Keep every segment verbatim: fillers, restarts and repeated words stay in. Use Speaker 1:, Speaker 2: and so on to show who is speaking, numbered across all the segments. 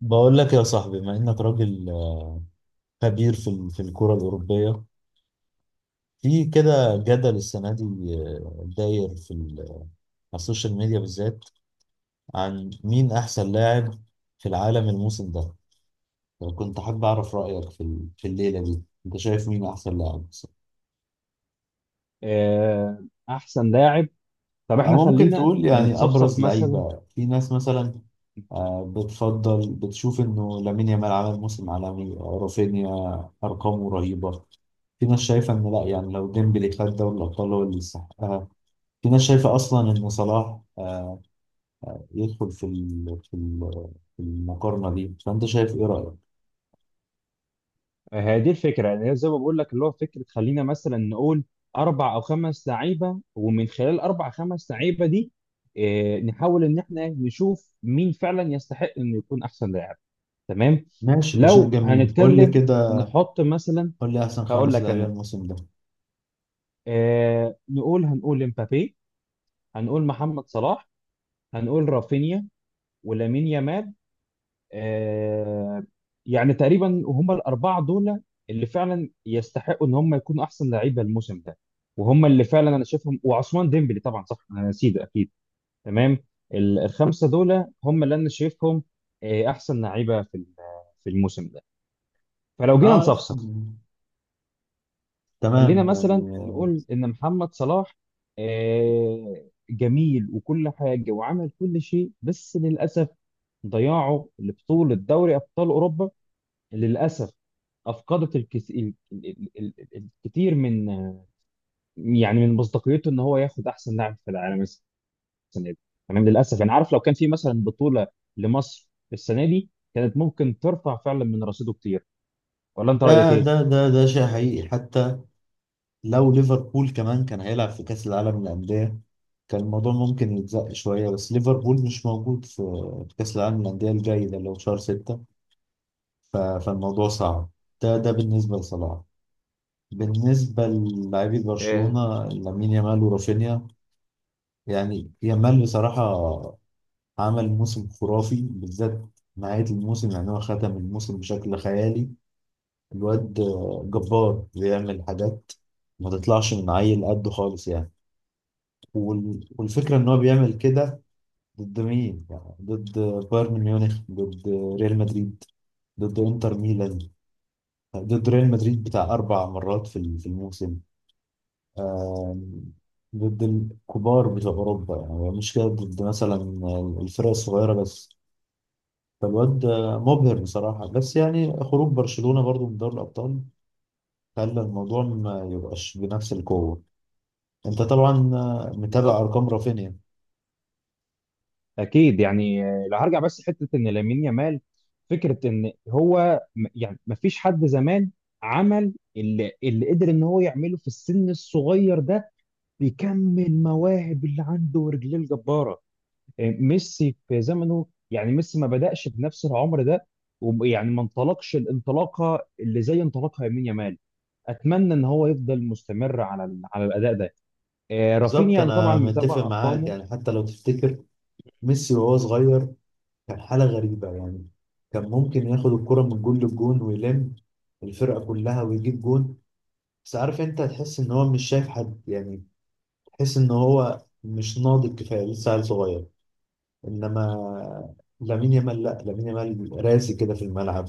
Speaker 1: بقول لك يا صاحبي بما انك راجل خبير في ال- في الكرة الأوروبية في كده جدل السنة دي، آه، داير في ال- على السوشيال ميديا بالذات عن مين أحسن لاعب في العالم الموسم ده. كنت حابب أعرف رأيك في ال- في الليلة دي، أنت شايف مين أحسن لاعب مثلا؟
Speaker 2: آه، احسن لاعب. طب احنا
Speaker 1: أو ممكن
Speaker 2: خلينا
Speaker 1: تقول يعني
Speaker 2: نتصفصف
Speaker 1: أبرز
Speaker 2: مثلا.
Speaker 1: لعيبة في ناس مثلا. آه، بتفضل بتشوف إنه لامين يامال عمل موسم عالمي، آه، رافينيا أرقامه رهيبة، في ناس شايفة إن لأ، يعني لو ديمبلي خد دوري الأبطال هو اللي يستحقها، في ناس شايفة أصلا إن صلاح آه، يدخل في ال- في ال- في المقارنة دي، فأنت شايف إيه رأيك؟
Speaker 2: آه، هي دي الفكره، يعني هي زي ما بقول لك اللي هو فكره، خلينا مثلا نقول اربع او خمس لعيبه، ومن خلال اربع خمس لعيبه دي آه، نحاول ان احنا نشوف مين فعلا يستحق انه يكون احسن لاعب. تمام.
Speaker 1: ماشي، ده شيء
Speaker 2: لو
Speaker 1: جميل، قول لي
Speaker 2: هنتكلم
Speaker 1: كده
Speaker 2: نحط مثلا،
Speaker 1: قول لي أحسن
Speaker 2: هقول
Speaker 1: خمس
Speaker 2: لك
Speaker 1: لاعبين
Speaker 2: انا
Speaker 1: الموسم ده.
Speaker 2: آه، نقول، هنقول امبابي، هنقول محمد صلاح، هنقول رافينيا، ولامين يامال. آه، يعني تقريبا هم الاربعه دول اللي فعلا يستحقوا ان هم يكونوا احسن لعيبه الموسم ده، وهم اللي فعلا انا شايفهم، وعثمان ديمبلي طبعا، صح انا نسيت، اكيد. تمام. ال- الخمسه دول هم اللي انا شايفهم آه، احسن لعيبه في ال- في الموسم ده. فلو جينا
Speaker 1: آه،
Speaker 2: نصفصف، خلينا
Speaker 1: تمام
Speaker 2: مثلا
Speaker 1: يعني.
Speaker 2: نقول ان محمد صلاح آه، جميل وكل حاجه وعمل كل شيء، بس للاسف ضياعه لبطوله دوري ابطال اوروبا للأسف أفقدت الكس... ال... ال... ال... ال... ال- الكتير من، يعني من مصداقيته إن هو ياخد أحسن لاعب في العالم السنة دي. تمام. للأسف يعني، عارف، لو كان في مثلا بطولة لمصر السنة دي كانت ممكن ترفع فعلا من رصيده كتير. ولا أنت
Speaker 1: ده
Speaker 2: رأيك إيه؟
Speaker 1: ده ده ده شيء حقيقي حتى. لو ليفربول كمان كان هيلعب في كأس العالم للأندية كان الموضوع ممكن يتزق شوية، بس ليفربول مش موجود في في كأس العالم للأندية الجاي ده اللي هو في شهر ستة، ف- فالموضوع صعب. ده ده بالنسبة لصلاح. بالنسبة للاعبي
Speaker 2: إيه،
Speaker 1: برشلونة لامين يامال ورافينيا، يعني يامال بصراحة عمل موسم خرافي، بالذات نهاية الموسم، يعني هو ختم الموسم بشكل خيالي. الواد جبار، بيعمل حاجات ما تطلعش من عيل قده خالص يعني. وال- والفكرة إن هو بيعمل كده ضد مين؟ يعني ضد بايرن ميونخ، ضد ريال مدريد، ضد إنتر ميلان، ضد ريال مدريد بتاع أربع مرات في ال- في الموسم، آم، ضد الكبار بتوع أوروبا، يعني هو مش كده ضد مثلا الفرق الصغيرة بس. فالواد مبهر بصراحة، بس يعني خروج برشلونة برضو من دوري الأبطال خلى الموضوع ما يبقاش بنفس القوة. أنت طبعا متابع
Speaker 2: بالظبط.
Speaker 1: أرقام رافينيا.
Speaker 2: اكيد يعني، آه، لو هرجع بس حته ان لامين يامال، فكره ان هو م- يعني ما فيش حد زمان عمل اللي, اللي قدر ان هو يعمله في السن الصغير ده. بيكمل مواهب اللي عنده ورجليه الجباره. آه، ميسي في زمنه، يعني ميسي ما بدأش بنفس العمر ده، ويعني ما انطلقش الانطلاقه اللي زي انطلاقها يمين يامال. اتمنى ان هو يفضل مستمر على ال- على الاداء ده. آه،
Speaker 1: بالظبط،
Speaker 2: رافينيا انا طبعا
Speaker 1: انا متفق
Speaker 2: متابع
Speaker 1: معاك
Speaker 2: ارقامه.
Speaker 1: يعني. حتى لو تفتكر ميسي وهو صغير كان حاله غريبه يعني، كان ممكن ياخد الكره من جون للجون ويلم الفرقه كلها ويجيب جون، بس عارف انت تحس ان هو مش شايف حد يعني، تحس ان هو مش ناضج كفايه لسه عيل صغير. انما لامين يامال لا، لامين يامال راسي كده في الملعب،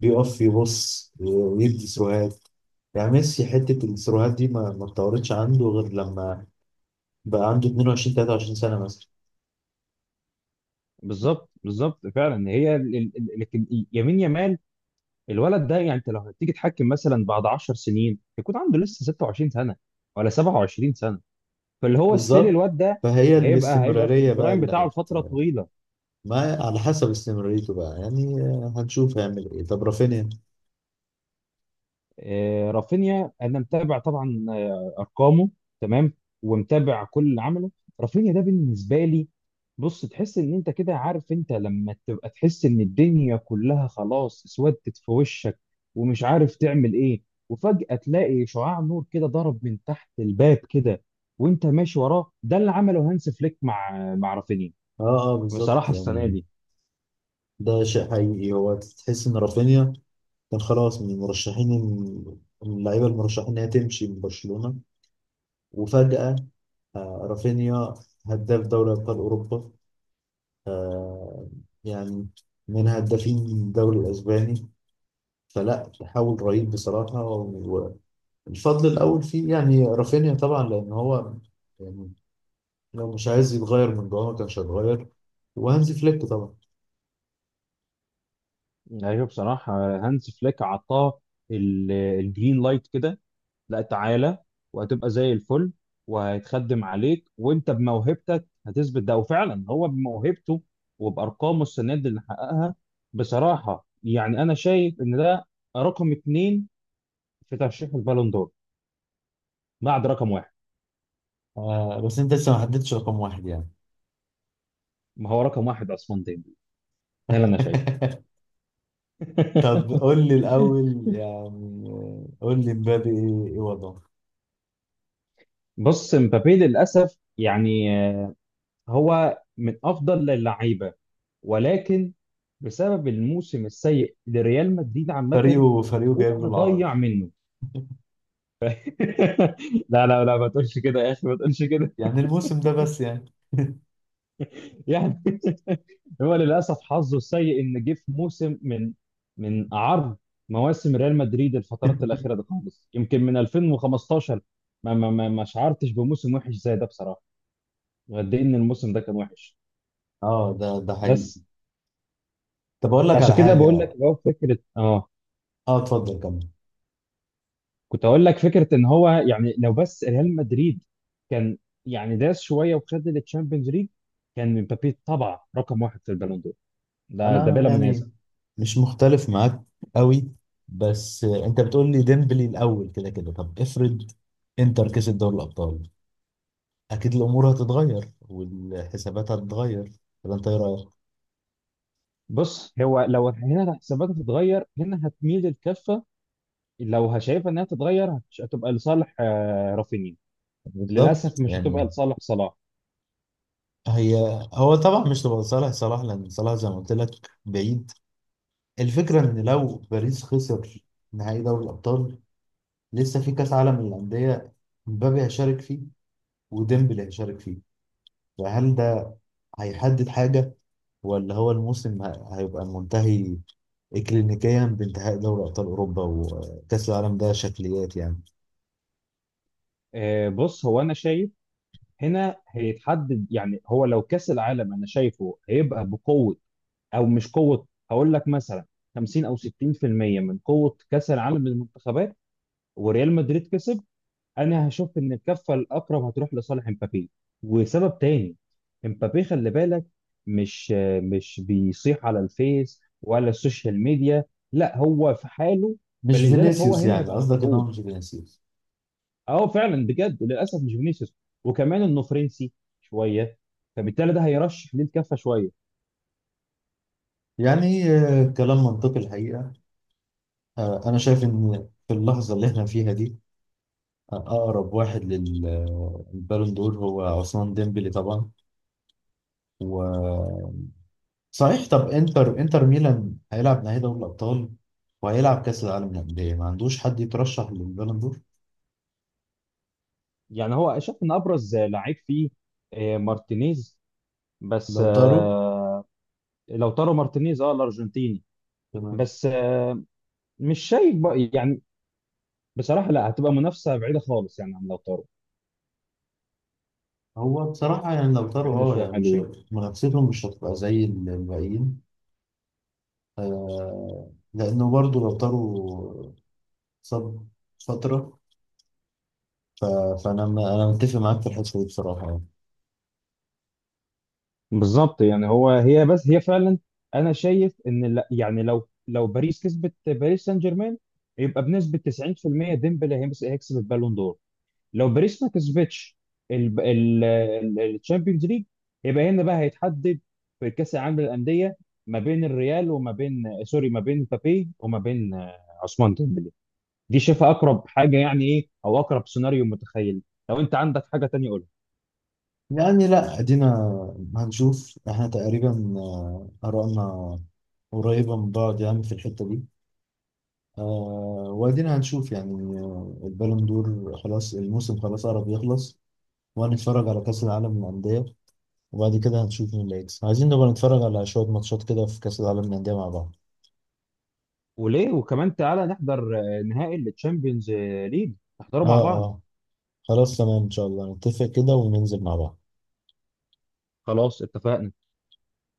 Speaker 1: بيقف يبص ويدي سروهات. يعني ميسي حته السروهات دي ما ما اتطورتش عنده غير لما بقى عنده اتنين وعشرين تلاتة وعشرين سنه مثلا.
Speaker 2: بالظبط بالظبط، فعلا هي ال- ال- ال- لكن يمين يامال الولد ده، يعني انت لو هتيجي تحكم مثلا بعد 10 سنين يكون عنده لسه ستة وعشرين سنة سنه ولا سبعة وعشرين. فاللي هو ستيل
Speaker 1: بالظبط،
Speaker 2: الواد ده
Speaker 1: فهي
Speaker 2: هيبقى هيبقى في
Speaker 1: الاستمرارية بقى
Speaker 2: البرايم
Speaker 1: اللي
Speaker 2: بتاعه
Speaker 1: هت.
Speaker 2: لفتره طويله.
Speaker 1: ما على حسب استمراريته بقى، يعني آه، هنشوف هيعمل ايه. طب رافينيا،
Speaker 2: آه، رافينيا انا متابع طبعا آه، ارقامه. تمام، ومتابع كل اللي عمله. رافينيا ده بالنسبه لي، بص، تحس ان انت كده، عارف انت لما تبقى تحس ان الدنيا كلها خلاص اسودت في وشك ومش عارف تعمل ايه، وفجأة تلاقي شعاع نور كده ضرب من تحت الباب كده وانت ماشي وراه، ده اللي عمله هانس فليك مع مع رافينيا
Speaker 1: اه اه بالظبط
Speaker 2: بصراحة السنة
Speaker 1: يعني.
Speaker 2: دي.
Speaker 1: ده شيء حقيقي، هو تحس ان رافينيا كان خلاص من المرشحين، من اللعيبة المرشحين انها تمشي من برشلونة، وفجأة آه رافينيا هداف دوري ابطال اوروبا، آه، يعني من هدافين الدوري الاسباني. فلا تحول رهيب بصراحة. الفضل الأول فيه يعني رافينيا طبعا، لأن هو يعني لو مش عايز يتغير من جوه ما كانش هيتغير، وهانزي فليك طبعا.
Speaker 2: ايوه، بصراحه هانز فليك عطاه ال- الجرين لايت كده، لا تعالى وهتبقى زي الفل وهيتخدم عليك وانت بموهبتك هتثبت ده، وفعلا هو بموهبته وبارقامه السنه دي اللي حققها، بصراحه يعني انا شايف ان ده رقم اتنين في ترشيح البالون دور بعد رقم واحد.
Speaker 1: آه، بس انت لسه ما حددتش رقم واحد يعني.
Speaker 2: ما هو رقم واحد عثمان ديمبلي، ده اللي انا شايفه.
Speaker 1: طب قول لي الاول يعني، آه، قول لي مبابي ايه، إيه وضعه؟
Speaker 2: بص، مبابي للاسف يعني هو من افضل اللعيبه، ولكن بسبب الموسم السيء لريال مدريد عامه
Speaker 1: فريقه فريقه
Speaker 2: هو
Speaker 1: جايب له
Speaker 2: اللي
Speaker 1: العار
Speaker 2: ضيع منه. لا لا لا، ما تقولش كده يا اخي، ما تقولش كده.
Speaker 1: يعني الموسم ده بس يعني.
Speaker 2: يعني هو للاسف حظه السيء ان جه في موسم من من اعر مواسم ريال مدريد، الفترات الاخيره دي خالص يمكن من ألفين وخمستاشر، ما ما ما ما شعرتش بموسم وحش زي ده بصراحه، وقد ايه ان الموسم ده كان وحش.
Speaker 1: اه، ده ده حقيقي.
Speaker 2: بس
Speaker 1: طب اقول لك
Speaker 2: فعشان
Speaker 1: على
Speaker 2: كده بقول
Speaker 1: حاجه.
Speaker 2: لك اللي هو فكره، اه
Speaker 1: اه، اتفضل كمل.
Speaker 2: كنت اقول لك فكره ان هو، يعني لو بس ريال مدريد كان يعني داس شويه وخد التشامبيونز ليج كان مبابي طبعا رقم واحد في البالون دور، ده ده
Speaker 1: انا
Speaker 2: بلا منازع.
Speaker 1: يعني مش مختلف معاك قوي، بس انت بتقول لي ديمبلي الاول كده كده. طب افرض انتر كسب دوري الابطال، اكيد الامور هتتغير والحسابات هتتغير. طب انت ايه رايك؟
Speaker 2: بص هو لو هنا الحسابات هتتغير، هنا هتميل الكفه لو هشايفها انها تتغير هتش- هتبقى لصالح آه، رافينيا،
Speaker 1: بالظبط
Speaker 2: للاسف مش هتبقى
Speaker 1: يعني.
Speaker 2: لصالح صلاح.
Speaker 1: هي هو طبعا مش تبقى صالح صلاح، لان صلاح زي ما قلت لك بعيد. الفكره ان لو باريس خسر نهائي دوري الابطال، لسه في كاس عالم للانديه، مبابي هيشارك فيه وديمبلي هيشارك فيه، فهل ده هيحدد حاجه، ولا هو الموسم ه- هيبقى منتهي اكلينيكيا بانتهاء دوري ابطال اوروبا، وكاس العالم ده شكليات يعني.
Speaker 2: آه، بص هو انا شايف هنا هيتحدد، يعني هو لو كاس العالم انا شايفه هيبقى بقوه، او مش قوه، هقول لك مثلا خمسين او ستين في المية من قوه كاس العالم للمنتخبات، وريال مدريد كسب، انا هشوف ان الكفه الاقرب هتروح لصالح امبابي. وسبب تاني، امبابي خلي بالك مش مش بيصيح على الفيس ولا السوشيال ميديا، لا هو في حاله،
Speaker 1: مش
Speaker 2: فلذلك هو
Speaker 1: فينيسيوس
Speaker 2: هنا
Speaker 1: يعني،
Speaker 2: هيبقى
Speaker 1: قصدك ان هو
Speaker 2: محبوب.
Speaker 1: مش فينيسيوس.
Speaker 2: اه فعلا بجد للاسف مش فينيسيوس، وكمان انه فرنسي شويه، فبالتالي ده هيرشح ليه الكفه شويه.
Speaker 1: يعني آه، كلام منطقي الحقيقه. آه، انا شايف ان في اللحظه اللي احنا فيها دي، آه، اقرب واحد للبالون دور هو عثمان ديمبلي طبعا. و صحيح، طب انتر انتر ميلان هيلعب نهائي دوري الابطال وهيلعب كاس العالم للانديه، ما عندوش حد يترشح للبالون دور.
Speaker 2: يعني هو شايف ان ابرز لعيب فيه آه، مارتينيز، بس
Speaker 1: لو طاروا.
Speaker 2: آه، لو تارو مارتينيز، اه الارجنتيني،
Speaker 1: تمام.
Speaker 2: بس آه، مش شايف بقى يعني بصراحه، لا هتبقى منافسه بعيده خالص يعني، عن لو تارو
Speaker 1: هو بصراحة
Speaker 2: مش عارف،
Speaker 1: يعني لو
Speaker 2: هتبقى
Speaker 1: طاروا
Speaker 2: بعيده
Speaker 1: اه
Speaker 2: شويه
Speaker 1: يعني مش،
Speaker 2: حلوين.
Speaker 1: منافستهم مش هتبقى زي الباقيين. آه، لأنه برضو لو طاروا صاب فترة. ف... فأنا م- أنا متفق معاك في الحتة دي بصراحة يعني.
Speaker 2: بالظبط، يعني هو هي، بس هي فعلا انا شايف ان لا، يعني لو لو باريس كسبت، باريس سان جيرمان، يبقى بنسبه تسعين في المية ديمبلي هيمس- هيكسب البالون دور. لو باريس ما كسبتش الشامبيونز ليج، يبقى هنا بقى هيتحدد في كاس العالم للانديه، ما بين الريال وما بين سوري، ما بين مبابي وما بين آه، عثمان ديمبلي. دي شايفها اقرب حاجه يعني، ايه او اقرب سيناريو متخيل. لو انت عندك حاجه تانية قولها.
Speaker 1: يعني لا، أدينا هنشوف. إحنا تقريبا آه، آرائنا قريبة من بعض يعني في الحتة دي. آه، وأدينا هنشوف يعني، آه، البالون دور خلاص، الموسم خلاص قرب يخلص، وهنتفرج على كأس العالم للأندية، وبعد كده هنشوف مين اللي هيكسب. عايزين نبقى نتفرج على شوية ماتشات كده في كأس العالم للأندية مع بعض.
Speaker 2: وليه، وكمان تعالى نحضر آه، نهائي الشامبيونز ليج، نحضره
Speaker 1: اه
Speaker 2: مع بعض.
Speaker 1: اه، خلاص تمام ان شاء الله نتفق كده وننزل مع بعض.
Speaker 2: خلاص اتفقنا.